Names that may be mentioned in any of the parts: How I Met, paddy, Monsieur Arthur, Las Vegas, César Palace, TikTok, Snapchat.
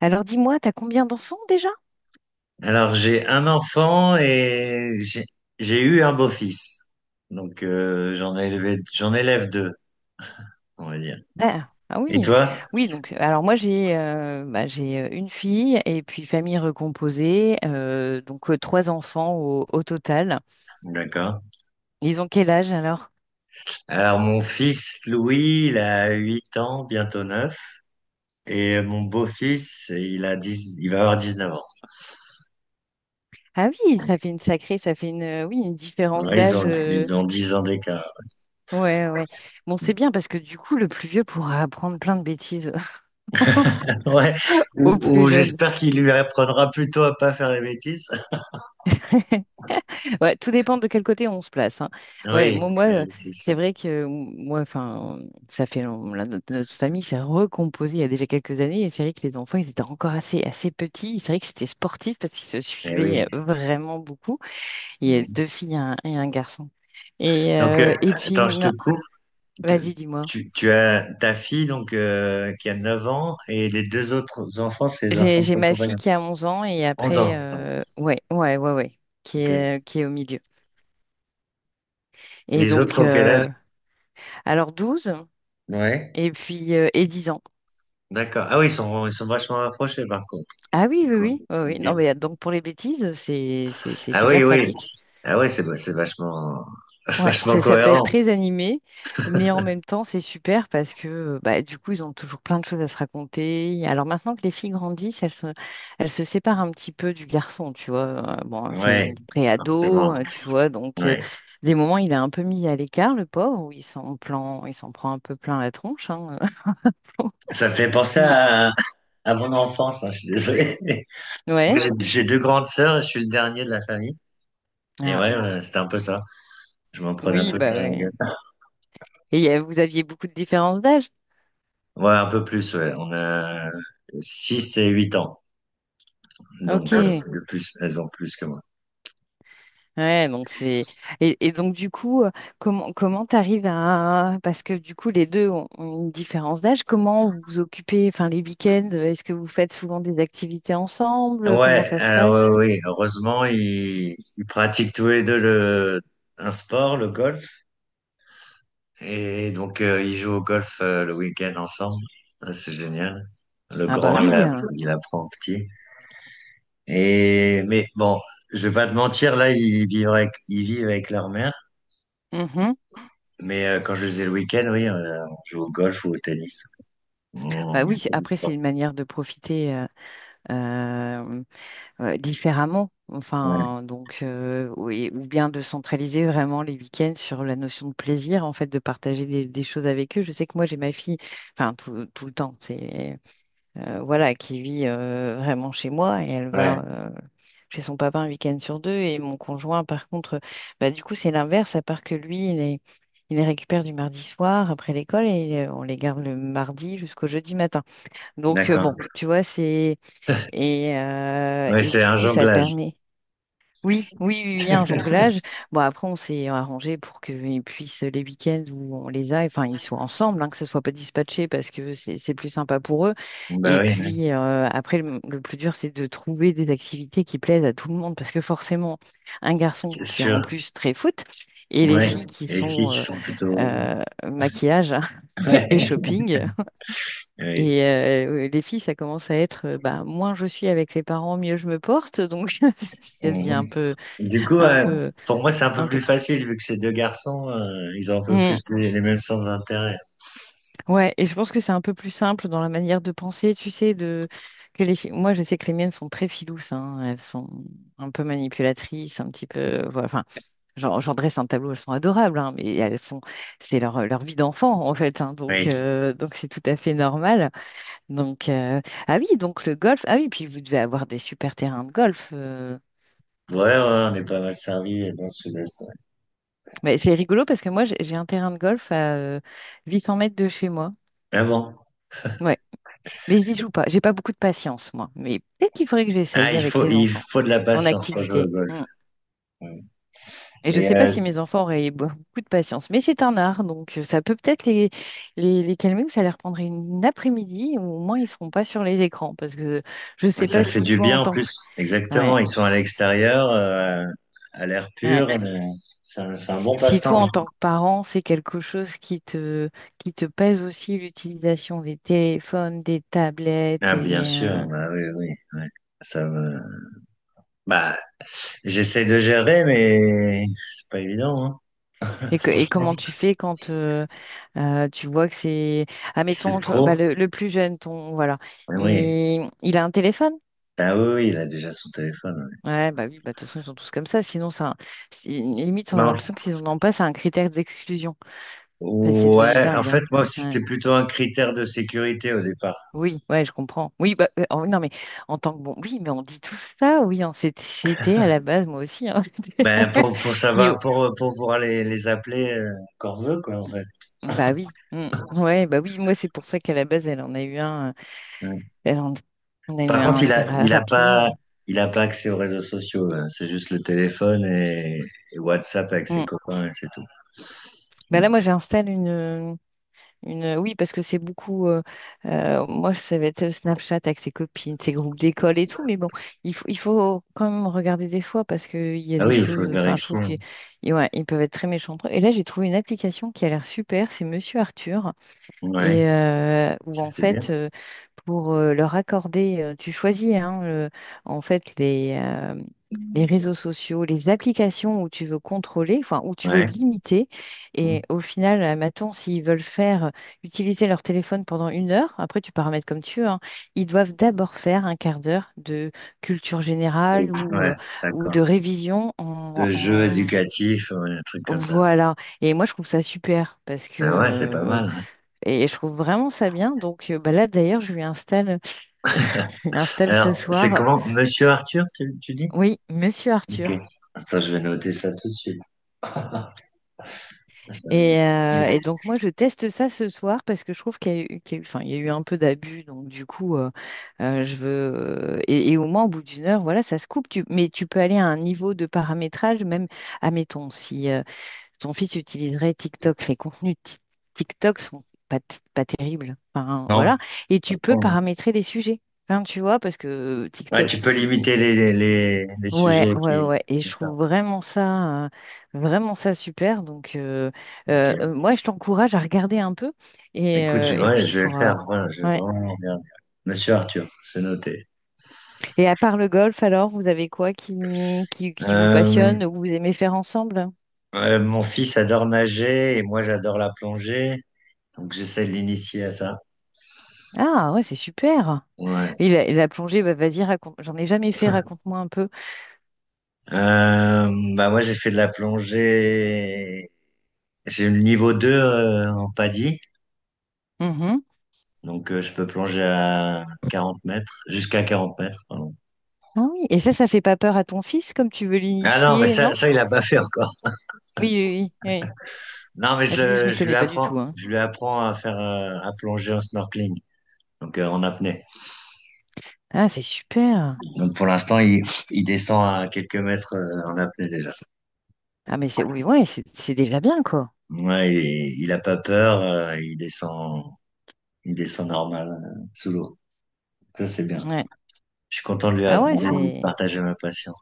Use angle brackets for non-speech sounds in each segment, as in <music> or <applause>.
Alors dis-moi, t'as combien d'enfants déjà? Alors, j'ai un enfant et j'ai eu un beau-fils. Donc, j'en ai élevé, j'en élève deux, on va dire. Ah, ah Et oui, toi? oui, donc alors moi j'ai bah, j'ai une fille et puis famille recomposée, donc trois enfants au total. D'accord. Ils ont quel âge alors? Alors, mon fils Louis, il a 8 ans, bientôt 9, et mon beau-fils, il va avoir 19 ans. Ah oui, ça fait une sacrée, ça fait une oui, une différence Ouais, ils ont, d'âge. Ils ont 10 ans d'écart. Ouais, ouais. Bon, c'est bien parce que du coup, le plus vieux pourra apprendre plein de bêtises <laughs> <laughs> Ouais. Ou, au plus ou jeune. j'espère qu'il lui apprendra plutôt à pas faire les bêtises. <laughs> Ouais, tout dépend de quel côté on se place, hein. Ouais, Oui, moi, moi, euh, c'est sûr. c'est vrai que moi, enfin, ça fait long- la- notre famille s'est recomposée il y a déjà quelques années et c'est vrai que les enfants, ils étaient encore assez petits. C'est vrai que c'était sportif parce qu'ils se Eh oui. suivaient vraiment beaucoup. Il y a deux filles et un garçon. Donc, Et puis, attends, je te coupe. Tu, vas-y, dis-moi. tu as ta fille donc qui a 9 ans et les deux autres enfants, c'est les enfants de J'ai ton ma fille compagnon. qui a 11 ans et 11 ans. après, Pardon. Ouais, Ok. Qui est au milieu. Et Les autres donc, ont quel âge? Alors 12 Ouais. et puis et 10 ans. D'accord. Ah oui, ils sont vachement rapprochés par contre. Ah oui, oui, D'accord. oui, oui, oui. Ok. Non, mais donc pour les bêtises, c'est Ah super oui, oui. pratique. Ah oui, c'est vachement, <laughs> Ouais, vachement ça peut être cohérent. très animé, mais en même temps, c'est super parce que bah, du coup, ils ont toujours plein de choses à se raconter. Alors maintenant que les filles grandissent, elles se séparent un petit peu du garçon, tu vois. Bon, c'est Ouais, une pré-ado, forcément. Tu vois. Donc, Ouais. des moments, il est un peu mis à l'écart, le pauvre, où il s'en prend un peu plein la tronche, hein. <laughs> Ça me fait penser Mais, à mon enfance, hein, je suis désolé. <laughs> Moi, ouais. j'ai deux grandes sœurs, je suis le dernier de la famille. Et Ah, ouais, c'était un peu ça. Je m'en prenais un oui, peu bah plein la ouais. gueule. Et vous aviez beaucoup de différences d'âge? Ouais, un peu plus, ouais. On a 6 et 8 ans. Donc, ah, Ok. de plus, elles ont plus que moi. Ouais, donc c'est et donc du coup, comment t'arrives à parce que du coup les deux ont, ont une différence d'âge. Comment vous vous occupez, enfin les week-ends, est-ce que vous faites souvent des activités ensemble? Ouais, Comment ça se passe? ouais, oui. Heureusement, ils pratiquent tous les deux un sport, le golf. Et donc, ils jouent au golf le week-end ensemble. Ah, c'est génial. Le Ah grand, bah ah, il, trop oui, a, cool. hein. Il apprend au petit. Mais bon, je vais pas te mentir, là, ils vivent avec leur mère. Mhm. Mais quand je les ai le week-end, oui, on joue au golf ou au tennis. Bah On- oui. fait du Après c'est sport. une manière de profiter euh, différemment. Ouais. Enfin donc oui, ou bien de centraliser vraiment les week-ends sur la notion de plaisir en fait de partager des choses avec eux. Je sais que moi j'ai ma fille, enfin tout le temps c'est voilà, qui vit vraiment chez moi et elle Ouais. va chez son papa un week-end sur deux. Et mon conjoint, par contre, bah, du coup, c'est l'inverse, à part que lui, il les récupère du mardi soir après l'école et on les garde le mardi jusqu'au jeudi matin. Donc, D'accord. bon, tu vois, c'est. Oui, Et c'est du un coup, ça jonglage. permet. Oui, oui, oui, oui, un jonglage. Bon, après, on s'est arrangé pour qu'ils puissent, les week-ends où on les a, enfin, ils soient ensemble, hein, que ce soit pas dispatché parce que c'est plus sympa pour eux. Bon, bah Et oui, hein, puis, après, le plus dur, c'est de trouver des activités qui plaisent à tout le monde parce que forcément, un garçon c'est qui est sûr. en plus très foot et les Ouais. filles qui Les filles sont qui sont plutôt. <laughs> euh, maquillage <laughs> et Ouais. shopping. Oui. Et les filles, ça commence à être, bah, moins je suis avec les parents, mieux je me porte. Donc, <laughs> ça devient Mhm. un peu, Du coup, un peu. pour moi, c'est un peu Un peu. plus facile vu que ces deux garçons, ils ont un peu Mm. plus les mêmes sens d'intérêt. Ouais, et je pense que c'est un peu plus simple dans la manière de penser, tu sais, de que les filles- Moi, je sais que les miennes sont très filouses, hein. Elles sont un peu manipulatrices, un petit peu. Voilà. Enfin, j'en dresse un tableau, elles sont adorables, hein, mais elles font. C'est leur, leur vie d'enfant, en fait, hein, Oui. Donc c'est tout à fait normal. Donc ah oui, donc le golf. Ah oui, puis vous devez avoir des super terrains de golf. Ouais, ouais, on est pas mal servi dans le sud-est, ouais. Mais c'est rigolo parce que moi, j'ai un terrain de golf à 800 mètres de chez moi. Mais bon. Ouais. Mais je n'y joue pas. J'ai pas beaucoup de patience, moi. Mais peut-être qu'il faudrait que Ah, j'essaye il avec faut, les il enfants faut de la en patience pour jouer au activité. golf. Hmm. Ouais. Et je ne Et sais pas si mes enfants auraient beaucoup de patience, mais c'est un art, donc ça peut peut-être les calmer ou ça leur prendrait une après-midi, ou au moins ils ne seront pas sur les écrans, parce que je ne sais ça pas fait si du toi bien en en tant que plus. ouais, Exactement. Ils sont à l'extérieur, à l'air ouais. pur, mais c'est un bon Si passe-temps. toi en tant que parent, c'est quelque chose qui te pèse aussi l'utilisation des téléphones, des tablettes Ah, bien et sûr, bah oui, oui, oui. Ça me... Bah, j'essaie de gérer, mais c'est pas évident, hein. <laughs> et, et Franchement, comment tu fais quand tu vois que c'est... c'est Admettons, toi- bah, trop. Le plus jeune, ton, voilà, Oui. Il a un téléphone? Ah oui, oui, il a déjà son téléphone, ouais. Ouais, bah oui, bah, de toute façon, ils sont tous comme ça. Sinon, ça, c'est- limite, on Mais a en f- l'impression que s'ils n'en ont pas, c'est un critère d'exclusion. Enfin, c'est devenu ouais, en dingue, fait, hein. moi, c'était Ouais. plutôt un critère de sécurité au départ. Oui, ouais, je comprends. Oui, bah, oh, non, mais en tant que bon, oui, mais on dit tout ça, oui, on s'était c'était à la base, moi aussi, hein. Ben, <laughs> pour Mais savoir, oh, pour pouvoir les appeler quand on veut, quoi, en fait. bah oui, mm, ouais, bah oui, moi, c'est pour ça qu'à la base, elle en a eu un. Ouais. Ben, on a eu Par un contre, il assez a, il a pas, rapidement. il a pas accès aux réseaux sociaux, hein. C'est juste le téléphone et WhatsApp avec ses Mm. copains, et c'est tout. Ben là, moi, une. Oui, parce que c'est beaucoup. Moi, ça va être Snapchat avec ses copines, ses groupes d'école et tout. Mais bon, il faut quand même regarder des fois parce qu'il y a Ah des oui, il faut choses. le Enfin, je trouve vérifier. qu'ils ils ouais, ils peuvent être très méchants entre eux. Et là, j'ai trouvé une application qui a l'air super. C'est Monsieur Arthur. Ouais, Et où ça en c'est bien. fait pour leur accorder, tu choisis hein, en fait les réseaux sociaux, les applications où tu veux contrôler, enfin où tu veux Ouais. limiter. Et au final, admettons, s'ils veulent faire utiliser leur téléphone pendant une heure, après tu paramètres comme tu veux, hein, ils doivent d'abord faire un quart d'heure de culture Et- générale Ouais, ou d'accord. de révision De jeux éducatifs, ouais, un truc comme ça. Voilà. Et moi, je trouve ça super parce que Ah ouais, c'est pas mal, hein. et je trouve vraiment ça bien. Donc bah là, d'ailleurs, je lui installe, <laughs> je lui installe Alors, ce c'est soir, comment? Monsieur Arthur, tu dis? oui, Monsieur Ok. Arthur. Attends, je vais noter ça tout de suite. Ça va m'aider. Et donc moi, je teste ça ce soir parce que je trouve qu'il y a eu- enfin, il y a eu un peu d'abus. Donc du coup, je veux... et au moins, au bout d'une heure, voilà, ça se coupe. Tu- mais tu peux aller à un niveau de paramétrage, même, admettons, si... Ton fils utiliserait TikTok. Les contenus TikTok sont pas terribles. Enfin, Non? voilà. Et tu peux paramétrer les sujets. Enfin, tu vois, parce que Ouais, tu TikTok, peux il... limiter les Ouais, sujets ouais, qui... ouais. Et je D'accord, trouve vraiment ça super. Donc, ok. moi, je t'encourage à regarder un peu. Écoute, je Et vais, puis, il je vais le faire. faudra... Voilà, je vais Ouais. vraiment regarder. Monsieur Arthur, c'est noté. Et à part le golf, alors, vous avez quoi qui vous Euh, passionne ou vous aimez faire ensemble? Mon fils adore nager et moi j'adore la plongée. Donc j'essaie de l'initier à ça. Ah, ouais, c'est super. Ouais. Et et la plongée, bah, vas-y, raconte. J'en ai jamais fait, raconte-moi un peu. Euh, Bah moi j'ai fait de la plongée. J'ai le niveau 2 en paddy, Mhm. donc je peux plonger à 40 mètres, jusqu'à 40 mètres. Pardon. Ah oui, et ça fait pas peur à ton fils comme tu veux Ah non, mais l'initier, ça, non? ça il a pas fait encore. Oui, oui, oui, oui. Non, mais Ah, Je dis, je m'y connais pas du tout, hein. je lui apprends à faire à plonger en snorkeling, donc en apnée. Ah, c'est super. Donc pour l'instant il descend à quelques mètres en apnée déjà. Ah, mais c'est oui, ouais, c'est déjà bien, quoi. Ouais, il a pas peur, il descend normal sous l'eau. Ça c'est bien. Ouais. Je suis content de lui Ah avoir ouais, de c'est. partager ma passion.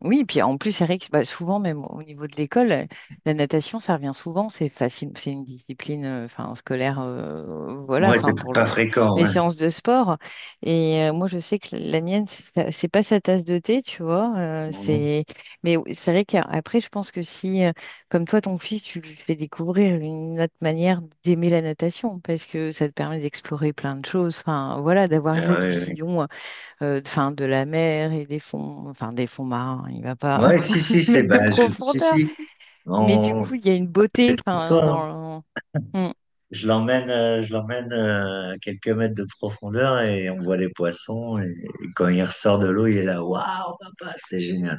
Oui, puis en plus, Eric, bah, souvent, même au niveau de l'école, la natation, ça revient souvent. C'est facile, c'est une discipline, enfin, scolaire, voilà, Ouais, c'est enfin, pour pas le- fréquent, les ouais. séances de sport. Et moi, je sais que la mienne, c'est c'est pas sa tasse de thé, tu vois. Mhm. C'est, mais oui, c'est vrai qu'après, je pense que si, comme toi, ton fils, tu lui fais découvrir une autre manière d'aimer la natation, parce que ça te permet d'explorer plein de choses, enfin, voilà, d'avoir une Ah autre ouais, ouais. vision enfin, de la mer et des fonds, enfin des fonds marins, il va pas Ouais, si, si, <laughs> c'est, mettre de bah, si, profondeur. si. Mais du On, coup, il y a une beauté, enfin, toi, hein. dans le- Hmm. Je l'emmène, à quelques mètres de profondeur et on voit les poissons et quand il ressort de l'eau, il est là, waouh, papa, c'était génial.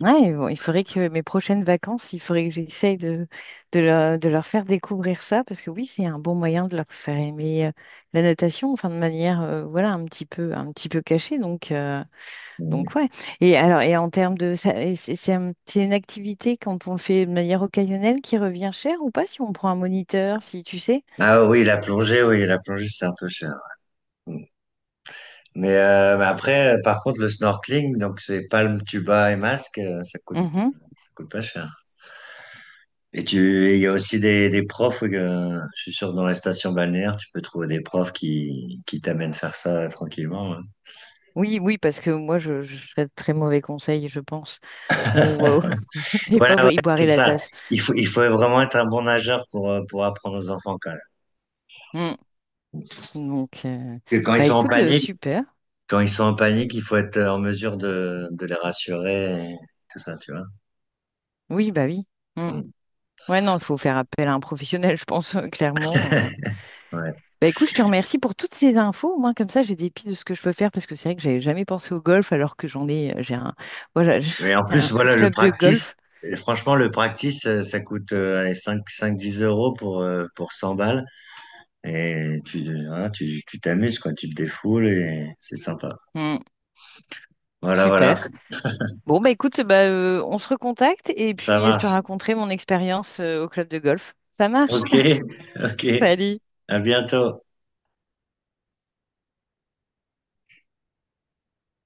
Ouais, bon, il faudrait que mes prochaines vacances, il faudrait que j'essaye de leur faire découvrir ça, parce que oui, c'est un bon moyen de leur faire aimer la natation, enfin de manière, voilà, un petit peu cachée. Mhm. Donc ouais. Et alors, et en termes de, et c'est une activité quand on le fait de manière occasionnelle qui revient cher ou pas si on prend un moniteur, si tu sais? Ah oui, la plongée, c'est un peu cher. Mhm. Mais après, par contre, le snorkeling, donc c'est palme, tuba et masque, Mhm. ça coûte pas cher. Et tu, et il y a aussi des profs, je suis sûr que dans les stations balnéaires, tu peux trouver des profs qui t'amènent faire ça tranquillement, hein. Oui, oui, parce que moi, je serais de très mauvais conseil, je pense. Wow. <laughs> Les Voilà, pauvres, ouais, ils c'est boiraient la ça. tasse. Il faut vraiment être un bon nageur pour apprendre aux enfants quand même. Mm. Donc, Parce que bah écoute, super. quand ils sont en panique, il faut être en mesure de les rassurer et tout ça, tu vois. Oui, bah oui. Mm. Mm. Ouais, non, il faut faire appel à un professionnel, <laughs> je pense, clairement. Ouais. Bah écoute, je te remercie pour toutes ces infos. Au moins, comme ça, j'ai des pistes de ce que je peux faire, parce que c'est vrai que j'avais jamais pensé au golf, alors que j'en ai, j'ai un, voilà, <laughs> j'ai Et en plus, un voilà, le club de practice, golf. Franchement, le practice, ça coûte, allez, 5, 5, 10 euros pour 100 balles. Et tu voilà, tu t'amuses, quoi, tu te défoules et c'est sympa. Mm. Voilà, voilà, Super. Bon, bah écoute, bah, on se recontacte et ça puis je te marche. raconterai mon expérience au club de golf. Ça marche? OK, <laughs> OK, <laughs> Salut! à bientôt.